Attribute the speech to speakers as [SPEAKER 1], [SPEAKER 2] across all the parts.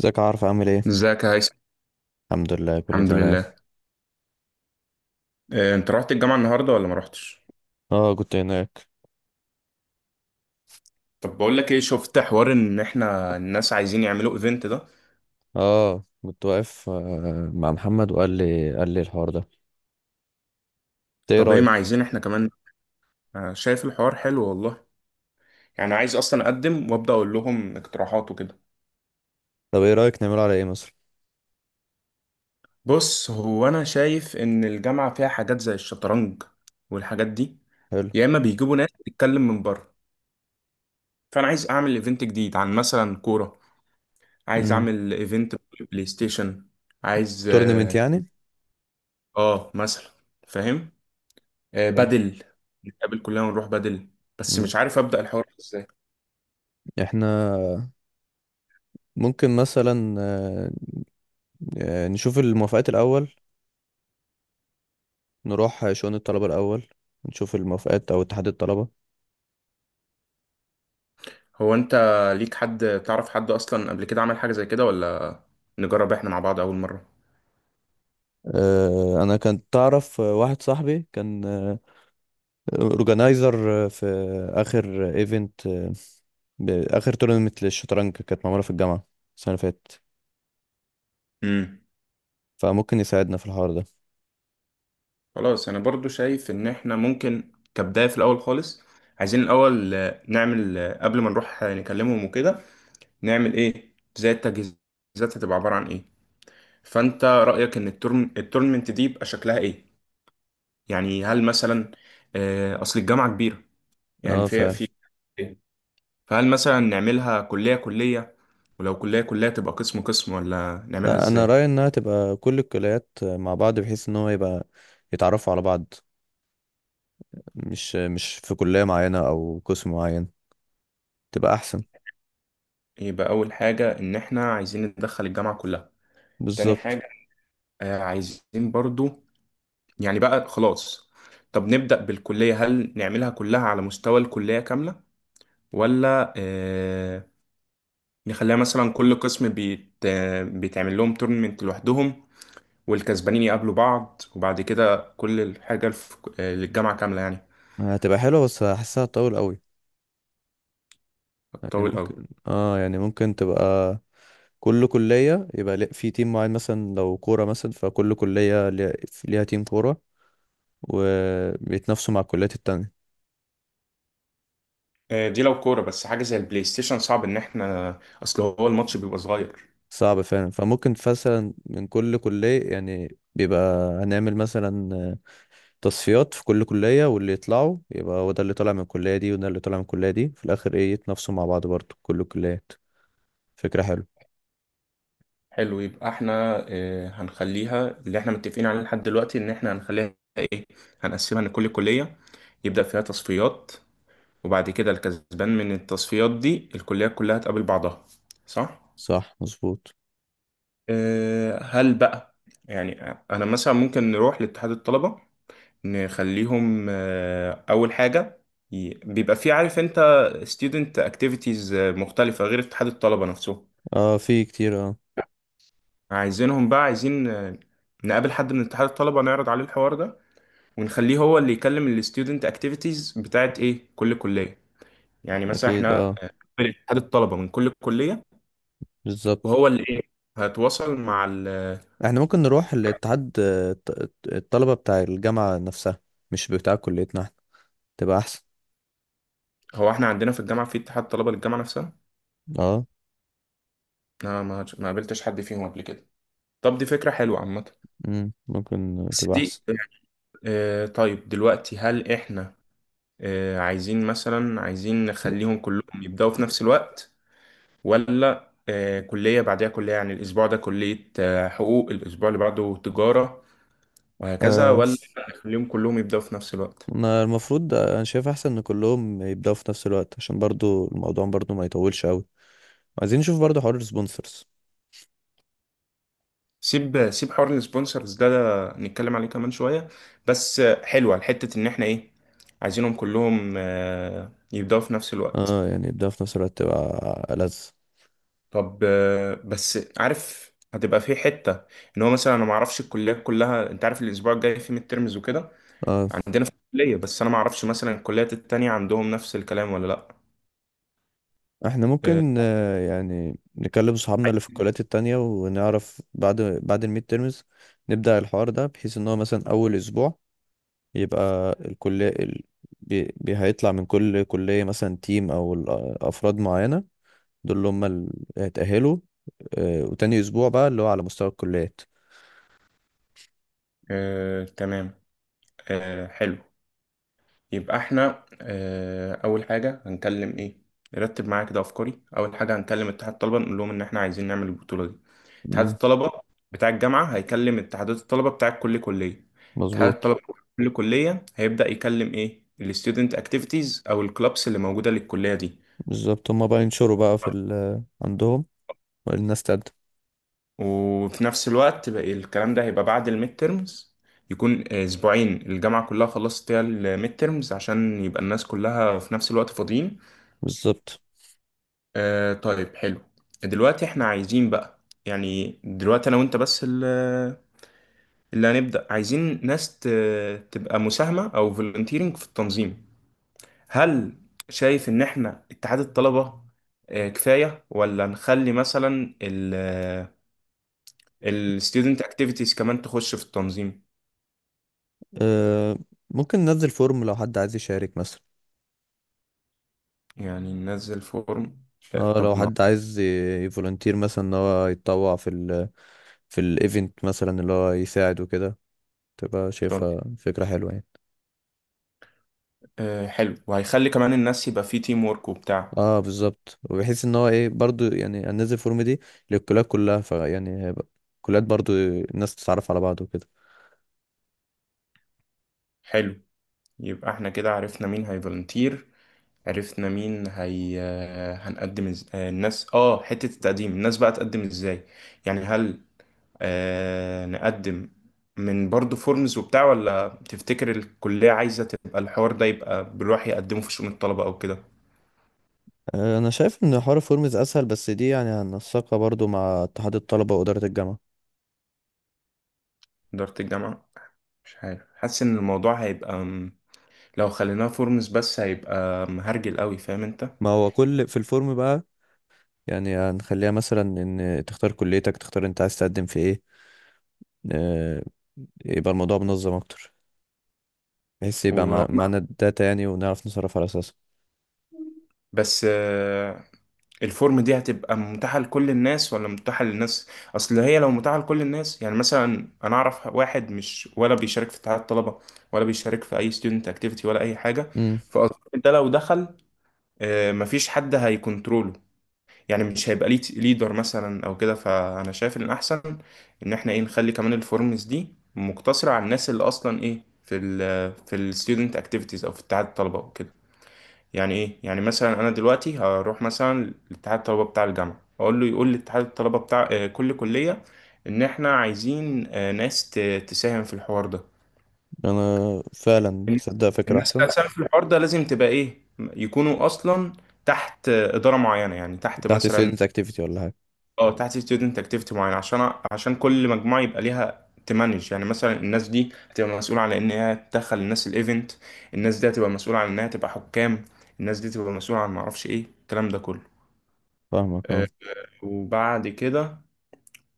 [SPEAKER 1] ازيك يا عارف، عامل ايه؟
[SPEAKER 2] ازيك يا هيثم.
[SPEAKER 1] الحمد لله، كله
[SPEAKER 2] الحمد
[SPEAKER 1] تمام.
[SPEAKER 2] لله. إيه، انت رحت الجامعة النهاردة ولا ما رحتش؟
[SPEAKER 1] اه، كنت هناك.
[SPEAKER 2] طب بقول لك ايه، شفت حوار ان احنا الناس عايزين يعملوا ايفنت ده.
[SPEAKER 1] اه، كنت واقف، مع محمد، وقال لي قال لي الحوار ده. انت ايه
[SPEAKER 2] طب ايه، ما
[SPEAKER 1] رايك؟
[SPEAKER 2] عايزين احنا كمان. شايف الحوار حلو والله. يعني عايز اصلا اقدم وابدا اقول لهم اقتراحات وكده.
[SPEAKER 1] طب ايه رايك نعمله على ايه مثلا؟
[SPEAKER 2] بص، هو انا شايف ان الجامعة فيها حاجات زي الشطرنج والحاجات دي.
[SPEAKER 1] حلو.
[SPEAKER 2] يا اما بيجيبوا ناس تتكلم من بره. فانا عايز اعمل ايفنت جديد عن مثلا كوره. عايز
[SPEAKER 1] امم.
[SPEAKER 2] اعمل ايفنت بلاي ستيشن. عايز
[SPEAKER 1] تورنمنت يعني؟
[SPEAKER 2] مثلا. فاهم.
[SPEAKER 1] حلو.
[SPEAKER 2] بدل نتقابل كلنا ونروح بدل. بس
[SPEAKER 1] امم.
[SPEAKER 2] مش عارف أبدأ الحوار ازاي.
[SPEAKER 1] احنا ممكن مثلا نشوف الموافقات الاول، نروح شؤون الطلبه الاول، نشوف الموافقات او اتحاد الطلبه.
[SPEAKER 2] هو انت ليك حد تعرف حد اصلا قبل كده عمل حاجة زي كده، ولا نجرب احنا مع بعض اول مرة؟
[SPEAKER 1] انا كنت تعرف، واحد صاحبي كان اورجنايزر في اخر ايفنت، اخر تورنمت للشطرنج كانت معموله في الجامعه السنه اللي فاتت.
[SPEAKER 2] امم
[SPEAKER 1] فممكن يساعدنا في الحوار ده.
[SPEAKER 2] خلاص، انا برضو شايف ان احنا ممكن كبداية في الاول خالص عايزين الاول نعمل، قبل ما نروح نكلمهم وكده، نعمل ايه زي التجهيزات؟ هتبقى عبارة عن ايه؟ فانت رأيك ان التورنمنت دي يبقى شكلها ايه؟ يعني هل مثلا، اصل الجامعة كبيرة، يعني
[SPEAKER 1] اه،
[SPEAKER 2] في
[SPEAKER 1] فعلا.
[SPEAKER 2] في، فهل مثلا نعملها كلية كلية؟ ولو كلية كلية تبقى قسم قسم، ولا نعملها
[SPEAKER 1] لا، انا
[SPEAKER 2] ازاي؟
[SPEAKER 1] رايي انها تبقى كل الكليات مع بعض، بحيث ان هو يبقى يتعرفوا على بعض، مش في كليه معينه او قسم معين، تبقى احسن.
[SPEAKER 2] يبقى أول حاجة إن إحنا عايزين ندخل الجامعة كلها. تاني
[SPEAKER 1] بالظبط.
[SPEAKER 2] حاجة، عايزين برضو، يعني بقى خلاص، طب نبدأ بالكلية. هل نعملها كلها على مستوى الكلية كاملة، ولا نخليها مثلا كل قسم بيتعمل لهم تورنمنت لوحدهم والكسبانين يقابلوا بعض، وبعد كده كل الحاجة للجامعة كاملة يعني؟
[SPEAKER 1] هتبقى حلوه بس هحسها طول قوي. يعني
[SPEAKER 2] هتطول أوي.
[SPEAKER 1] ممكن، اه، يعني ممكن تبقى كل كليه، يبقى في تيم معين، مثلا لو كوره، مثلا فكل كليه ليها تيم كوره، وبيتنافسوا مع الكليات التانية.
[SPEAKER 2] دي لو كورة، بس حاجة زي البلاي ستيشن صعب ان احنا، اصل هو الماتش بيبقى صغير.
[SPEAKER 1] صعب فعلا، فممكن مثلا من كل كلية، يعني بيبقى هنعمل مثلا تصفيات في كل كلية، واللي يطلعوا يبقى هو ده اللي طالع من الكلية دي وده اللي طالع من الكلية دي، في الآخر ايه يتنافسوا مع بعض برضه كل الكليات. فكرة حلوة.
[SPEAKER 2] حلو، يبقى احنا هنخليها اللي احنا متفقين عليه لحد دلوقتي، ان احنا هنخليها ايه، هنقسمها ان كل كلية يبدأ فيها تصفيات، وبعد كده الكسبان من التصفيات دي الكليات كلها تقابل بعضها، صح؟
[SPEAKER 1] صح، مظبوط.
[SPEAKER 2] هل بقى، يعني انا مثلا ممكن نروح لاتحاد الطلبة نخليهم، اول حاجه، بيبقى في، عارف انت، student activities مختلفه غير اتحاد الطلبه نفسهم.
[SPEAKER 1] اه، في كتير اه.
[SPEAKER 2] عايزينهم بقى، عايزين نقابل حد من اتحاد الطلبه نعرض عليه الحوار ده ونخليه هو اللي يكلم ال student activities بتاعت ايه كل كليه، يعني مثلا
[SPEAKER 1] أكيد
[SPEAKER 2] احنا
[SPEAKER 1] اه.
[SPEAKER 2] نقابل اتحاد الطلبه من كل كليه
[SPEAKER 1] بالظبط.
[SPEAKER 2] وهو اللي ايه، هتواصل مع ال.
[SPEAKER 1] احنا ممكن نروح لاتحاد الطلبة بتاع الجامعة نفسها، مش بتاع كليتنا احنا، تبقى أحسن.
[SPEAKER 2] هو احنا عندنا في الجامعه في اتحاد طلبه للجامعه نفسها.
[SPEAKER 1] اه.
[SPEAKER 2] انا ما قابلتش حد فيهم قبل كده. طب دي فكره حلوه عامه،
[SPEAKER 1] ممكن
[SPEAKER 2] بس
[SPEAKER 1] تبقى
[SPEAKER 2] دي،
[SPEAKER 1] أحسن.
[SPEAKER 2] طيب دلوقتي هل احنا عايزين مثلا، عايزين نخليهم كلهم يبدأوا في نفس الوقت، ولا كلية بعدها كلية؟ يعني الأسبوع ده كلية حقوق، الأسبوع اللي بعده تجارة وهكذا، ولا نخليهم كلهم يبدأوا في نفس الوقت؟
[SPEAKER 1] انا شايف احسن ان كلهم يبداوا في نفس الوقت، عشان برضو الموضوع برضو ما يطولش قوي. عايزين نشوف برضو حوار السبونسرز.
[SPEAKER 2] سيب سيب حوار السبونسرز ده, نتكلم عليه كمان شوية. بس حلوة الحتة إن احنا إيه، عايزينهم كلهم يبدأوا في نفس الوقت.
[SPEAKER 1] اه، يعني يبداوا في نفس الوقت تبقى ألذ.
[SPEAKER 2] طب بس عارف هتبقى في حته، ان هو مثلا انا ما اعرفش الكليات كلها، انت عارف الاسبوع الجاي في ميد ترمز وكده
[SPEAKER 1] اه.
[SPEAKER 2] عندنا في الكليه، بس انا ما اعرفش مثلا الكليات التانية عندهم نفس الكلام ولا لا.
[SPEAKER 1] احنا
[SPEAKER 2] آه،
[SPEAKER 1] ممكن يعني نكلم صحابنا اللي في الكليات التانية، ونعرف بعد الميد تيرمز نبدأ الحوار ده، بحيث ان هو مثلا اول اسبوع يبقى الكلية هيطلع من كل كلية، مثلا تيم، او افراد معينة، دول اللي هم اللي اتأهلوا. وتاني أسبوع بقى اللي هو على مستوى الكليات.
[SPEAKER 2] تمام، حلو. يبقى احنا اول حاجه هنكلم ايه، نرتب معايا كده افكاري، اول حاجه هنكلم اتحاد الطلبه نقول لهم ان احنا عايزين نعمل البطوله دي. اتحاد
[SPEAKER 1] مم،
[SPEAKER 2] الطلبه بتاع الجامعه هيكلم اتحادات الطلبه بتاع كل كليه. اتحاد
[SPEAKER 1] مظبوط.
[SPEAKER 2] الطلبه بتاع كل كليه هيبدأ يكلم ايه الستودنت اكتيفيتيز او الكلابس اللي موجوده للكليه دي.
[SPEAKER 1] بالظبط. هم بقى ينشروا بقى في ال عندهم والناس تقدم.
[SPEAKER 2] وفي نفس الوقت بقى الكلام ده هيبقى بعد الميد تيرمز، يكون اسبوعين الجامعه كلها خلصت فيها الميد تيرمز عشان يبقى الناس كلها في نفس الوقت فاضيين.
[SPEAKER 1] بالظبط.
[SPEAKER 2] طيب، حلو، دلوقتي احنا عايزين بقى، يعني دلوقتي انا وانت بس اللي هنبدأ، عايزين ناس تبقى مساهمة او فولنتيرنج في التنظيم. هل شايف ان احنا اتحاد الطلبة كفاية، ولا نخلي مثلا الستودنت اكتيفيتيز كمان تخش في التنظيم؟
[SPEAKER 1] آه، ممكن ننزل فورم لو حد عايز يشارك مثلا.
[SPEAKER 2] يعني ننزل فورم.
[SPEAKER 1] اه،
[SPEAKER 2] طب
[SPEAKER 1] لو
[SPEAKER 2] ما،
[SPEAKER 1] حد عايز يفولنتير، مثلا ان هو يتطوع في الايفنت، مثلا اللي هو يساعد وكده. تبقى شايفها فكرة حلوة يعني.
[SPEAKER 2] حلو، وهيخلي كمان الناس يبقى في تيم وورك وبتاع.
[SPEAKER 1] اه، بالظبط. وبحيث ان هو ايه برضو، يعني هننزل الفورم دي للكليات كلها، فيعني هيبقى الكليات برضو الناس تتعرف على بعض وكده.
[SPEAKER 2] حلو، يبقى احنا كده عرفنا مين هيفولنتير، عرفنا مين هي. هنقدم إز... آه، الناس، حتة التقديم، الناس بقى تقدم ازاي؟ يعني هل نقدم من برضو فورمز وبتاع، ولا تفتكر الكلية عايزة تبقى الحوار ده يبقى بيروح يقدمه في شؤون الطلبة او كده؟
[SPEAKER 1] انا شايف ان حوار فورمز اسهل، بس دي يعني هننسقها برضو مع اتحاد الطلبه واداره الجامعه.
[SPEAKER 2] إدارة الجامعة، مش عارف، حاسس ان الموضوع هيبقى لو خليناه فورمز بس هيبقى مهرجل قوي، فاهم انت؟
[SPEAKER 1] ما هو كل في الفورم بقى، يعني هنخليها مثلا ان تختار كليتك، تختار انت عايز تقدم في ايه. آه، يبقى الموضوع منظم اكتر، بحيث يبقى
[SPEAKER 2] و...
[SPEAKER 1] معانا الداتا يعني، ونعرف نصرف على اساسها.
[SPEAKER 2] بس الفورم دي هتبقى متاحة لكل الناس، ولا متاحة للناس؟ اصل هي لو متاحة لكل الناس، يعني مثلا انا اعرف واحد مش ولا بيشارك في اتحاد الطلبة، ولا بيشارك في اي ستودنت اكتيفيتي ولا اي حاجة.
[SPEAKER 1] امم.
[SPEAKER 2] فاظن ده لو دخل مفيش حد هيكونتروله، يعني مش هيبقى ليه ليدر مثلا او كده. فانا شايف ان الاحسن ان احنا ايه نخلي كمان الفورمز دي مقتصرة على الناس اللي اصلا ايه في ال، في الستودنت اكتيفيتيز او في اتحاد الطلبة وكده. يعني ايه، يعني مثلا انا دلوقتي هروح مثلا لاتحاد الطلبه بتاع الجامعه اقول له يقول لاتحاد الطلبه بتاع كل كليه ان احنا عايزين ناس تساهم في الحوار ده.
[SPEAKER 1] انا فعلا تصدق
[SPEAKER 2] الناس
[SPEAKER 1] فكره
[SPEAKER 2] الناس
[SPEAKER 1] احسن.
[SPEAKER 2] اللي هتساهم في الحوار ده لازم تبقى ايه، يكونوا اصلا تحت اداره معينه، يعني تحت
[SPEAKER 1] تحت
[SPEAKER 2] مثلا،
[SPEAKER 1] ستودنت اكتيفيتي ولا حاجه؟
[SPEAKER 2] اه تحت ستودنت اكتيفيتي معين، عشان كل مجموعه يبقى ليها تمانج، يعني مثلا الناس دي هتبقى مسؤوله على ان هي تدخل الناس الايفنت، الناس دي هتبقى مسؤوله على انها تبقى حكام، الناس دي تبقى مسؤوله عن معرفش ايه الكلام ده كله.
[SPEAKER 1] فاهمك، اه.
[SPEAKER 2] آه، وبعد كده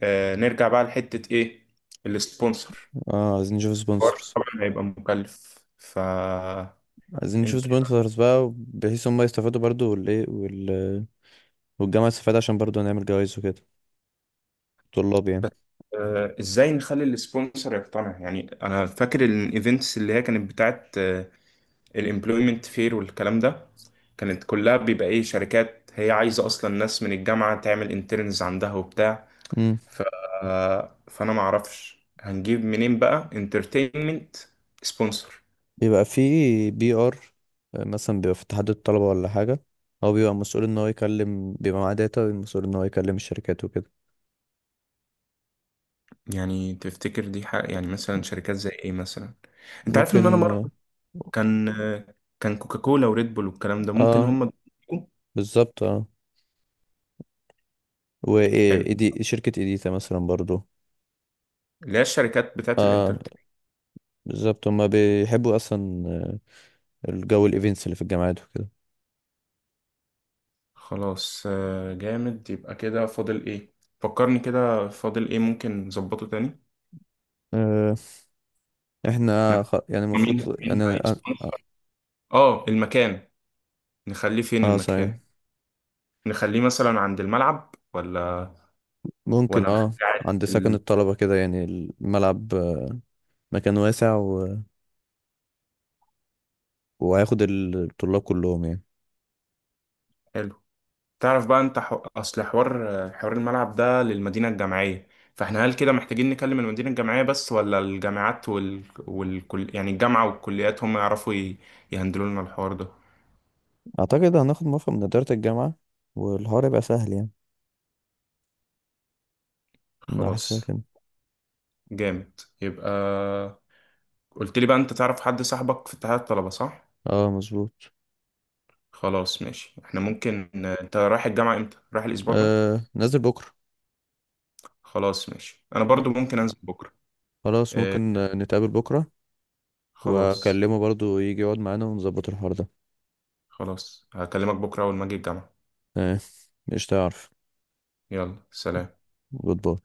[SPEAKER 2] نرجع بقى لحتة ايه، السبونسر.
[SPEAKER 1] اه، عايزين نشوف
[SPEAKER 2] الحوار
[SPEAKER 1] سبونسرز.
[SPEAKER 2] طبعا هيبقى مكلف، فانت
[SPEAKER 1] عايزين نشوف سبونسرز بقى، بحيث هم يستفادوا برضو، والايه وال... والجامعه تستفاد عشان برضو نعمل جوائز وكده. طلاب يعني.
[SPEAKER 2] ازاي نخلي السبونسر يقتنع؟ يعني انا فاكر الايفنتس اللي هي كانت بتاعت الامبلويمنت فير والكلام ده، كانت كلها بيبقى ايه، شركات هي عايزة اصلا ناس من الجامعة تعمل انترنز عندها وبتاع.
[SPEAKER 1] امم.
[SPEAKER 2] ف... فانا معرفش هنجيب منين بقى انترتينمنت سبونسر.
[SPEAKER 1] بيبقى في PR مثلا، بيبقى في اتحاد الطلبة ولا حاجة، هو بيبقى مسؤول ان هو يكلم، بيبقى معاه داتا، مسؤول ان هو يكلم الشركات وكده.
[SPEAKER 2] يعني تفتكر دي حق، يعني مثلا شركات زي ايه مثلا؟ انت عارف ان انا
[SPEAKER 1] ممكن،
[SPEAKER 2] مره كان كان كوكاكولا وريد بول والكلام ده ممكن
[SPEAKER 1] اه.
[SPEAKER 2] هم يكون.
[SPEAKER 1] بالظبط، اه. و
[SPEAKER 2] حلو.
[SPEAKER 1] إيه- شركة ايديتا مثلا برضو.
[SPEAKER 2] اللي هي الشركات بتاعت
[SPEAKER 1] اه،
[SPEAKER 2] الانترتين.
[SPEAKER 1] بالظبط، هما بيحبوا اصلا آه، الجو الايفنتس اللي في الجامعات وكده.
[SPEAKER 2] خلاص جامد، يبقى كده فاضل ايه؟ فكرني كده فاضل ايه ممكن نظبطه تاني.
[SPEAKER 1] آه
[SPEAKER 2] احنا
[SPEAKER 1] احنا يعني
[SPEAKER 2] مين
[SPEAKER 1] المفروض
[SPEAKER 2] مين
[SPEAKER 1] يعني اه
[SPEAKER 2] هيسبونسر؟ اه المكان، نخليه فين المكان؟
[SPEAKER 1] صحيح.
[SPEAKER 2] نخليه مثلا عند الملعب، ولا،
[SPEAKER 1] ممكن،
[SPEAKER 2] ولا
[SPEAKER 1] اه.
[SPEAKER 2] نخليه عادي
[SPEAKER 1] عند
[SPEAKER 2] في
[SPEAKER 1] سكن
[SPEAKER 2] ال...
[SPEAKER 1] الطلبة كده يعني. الملعب مكان واسع، وهياخد الطلاب كلهم يعني.
[SPEAKER 2] حلو. تعرف بقى انت اصل حوار الملعب ده للمدينة الجامعية، فاحنا هل كده محتاجين نكلم المدينة الجامعية بس، ولا الجامعات وال... والكل، يعني الجامعة والكليات هم يعرفوا يهندلوا لنا الحوار ده؟
[SPEAKER 1] اعتقد هناخد موافقة من ادارة الجامعة، والحوار يبقى سهل يعني. انا حاسسها
[SPEAKER 2] خلاص،
[SPEAKER 1] كده.
[SPEAKER 2] جامد يبقى. قلت لي بقى انت تعرف حد صاحبك في اتحاد الطلبة، صح؟
[SPEAKER 1] اه، مظبوط.
[SPEAKER 2] خلاص ماشي، احنا ممكن، انت رايح الجامعة امتى، رايح الاسبوع ده؟
[SPEAKER 1] نازل بكرة.
[SPEAKER 2] خلاص ماشي، انا برضو ممكن انزل بكرة.
[SPEAKER 1] خلاص،
[SPEAKER 2] اه...
[SPEAKER 1] ممكن نتقابل بكرة،
[SPEAKER 2] خلاص.
[SPEAKER 1] واكلمه برضو يجي يقعد معانا ونظبط الحوار ده.
[SPEAKER 2] خلاص هكلمك بكرة اول ما اجي الجامعة.
[SPEAKER 1] آه، مش تعرف.
[SPEAKER 2] يلا سلام.
[SPEAKER 1] جود باي.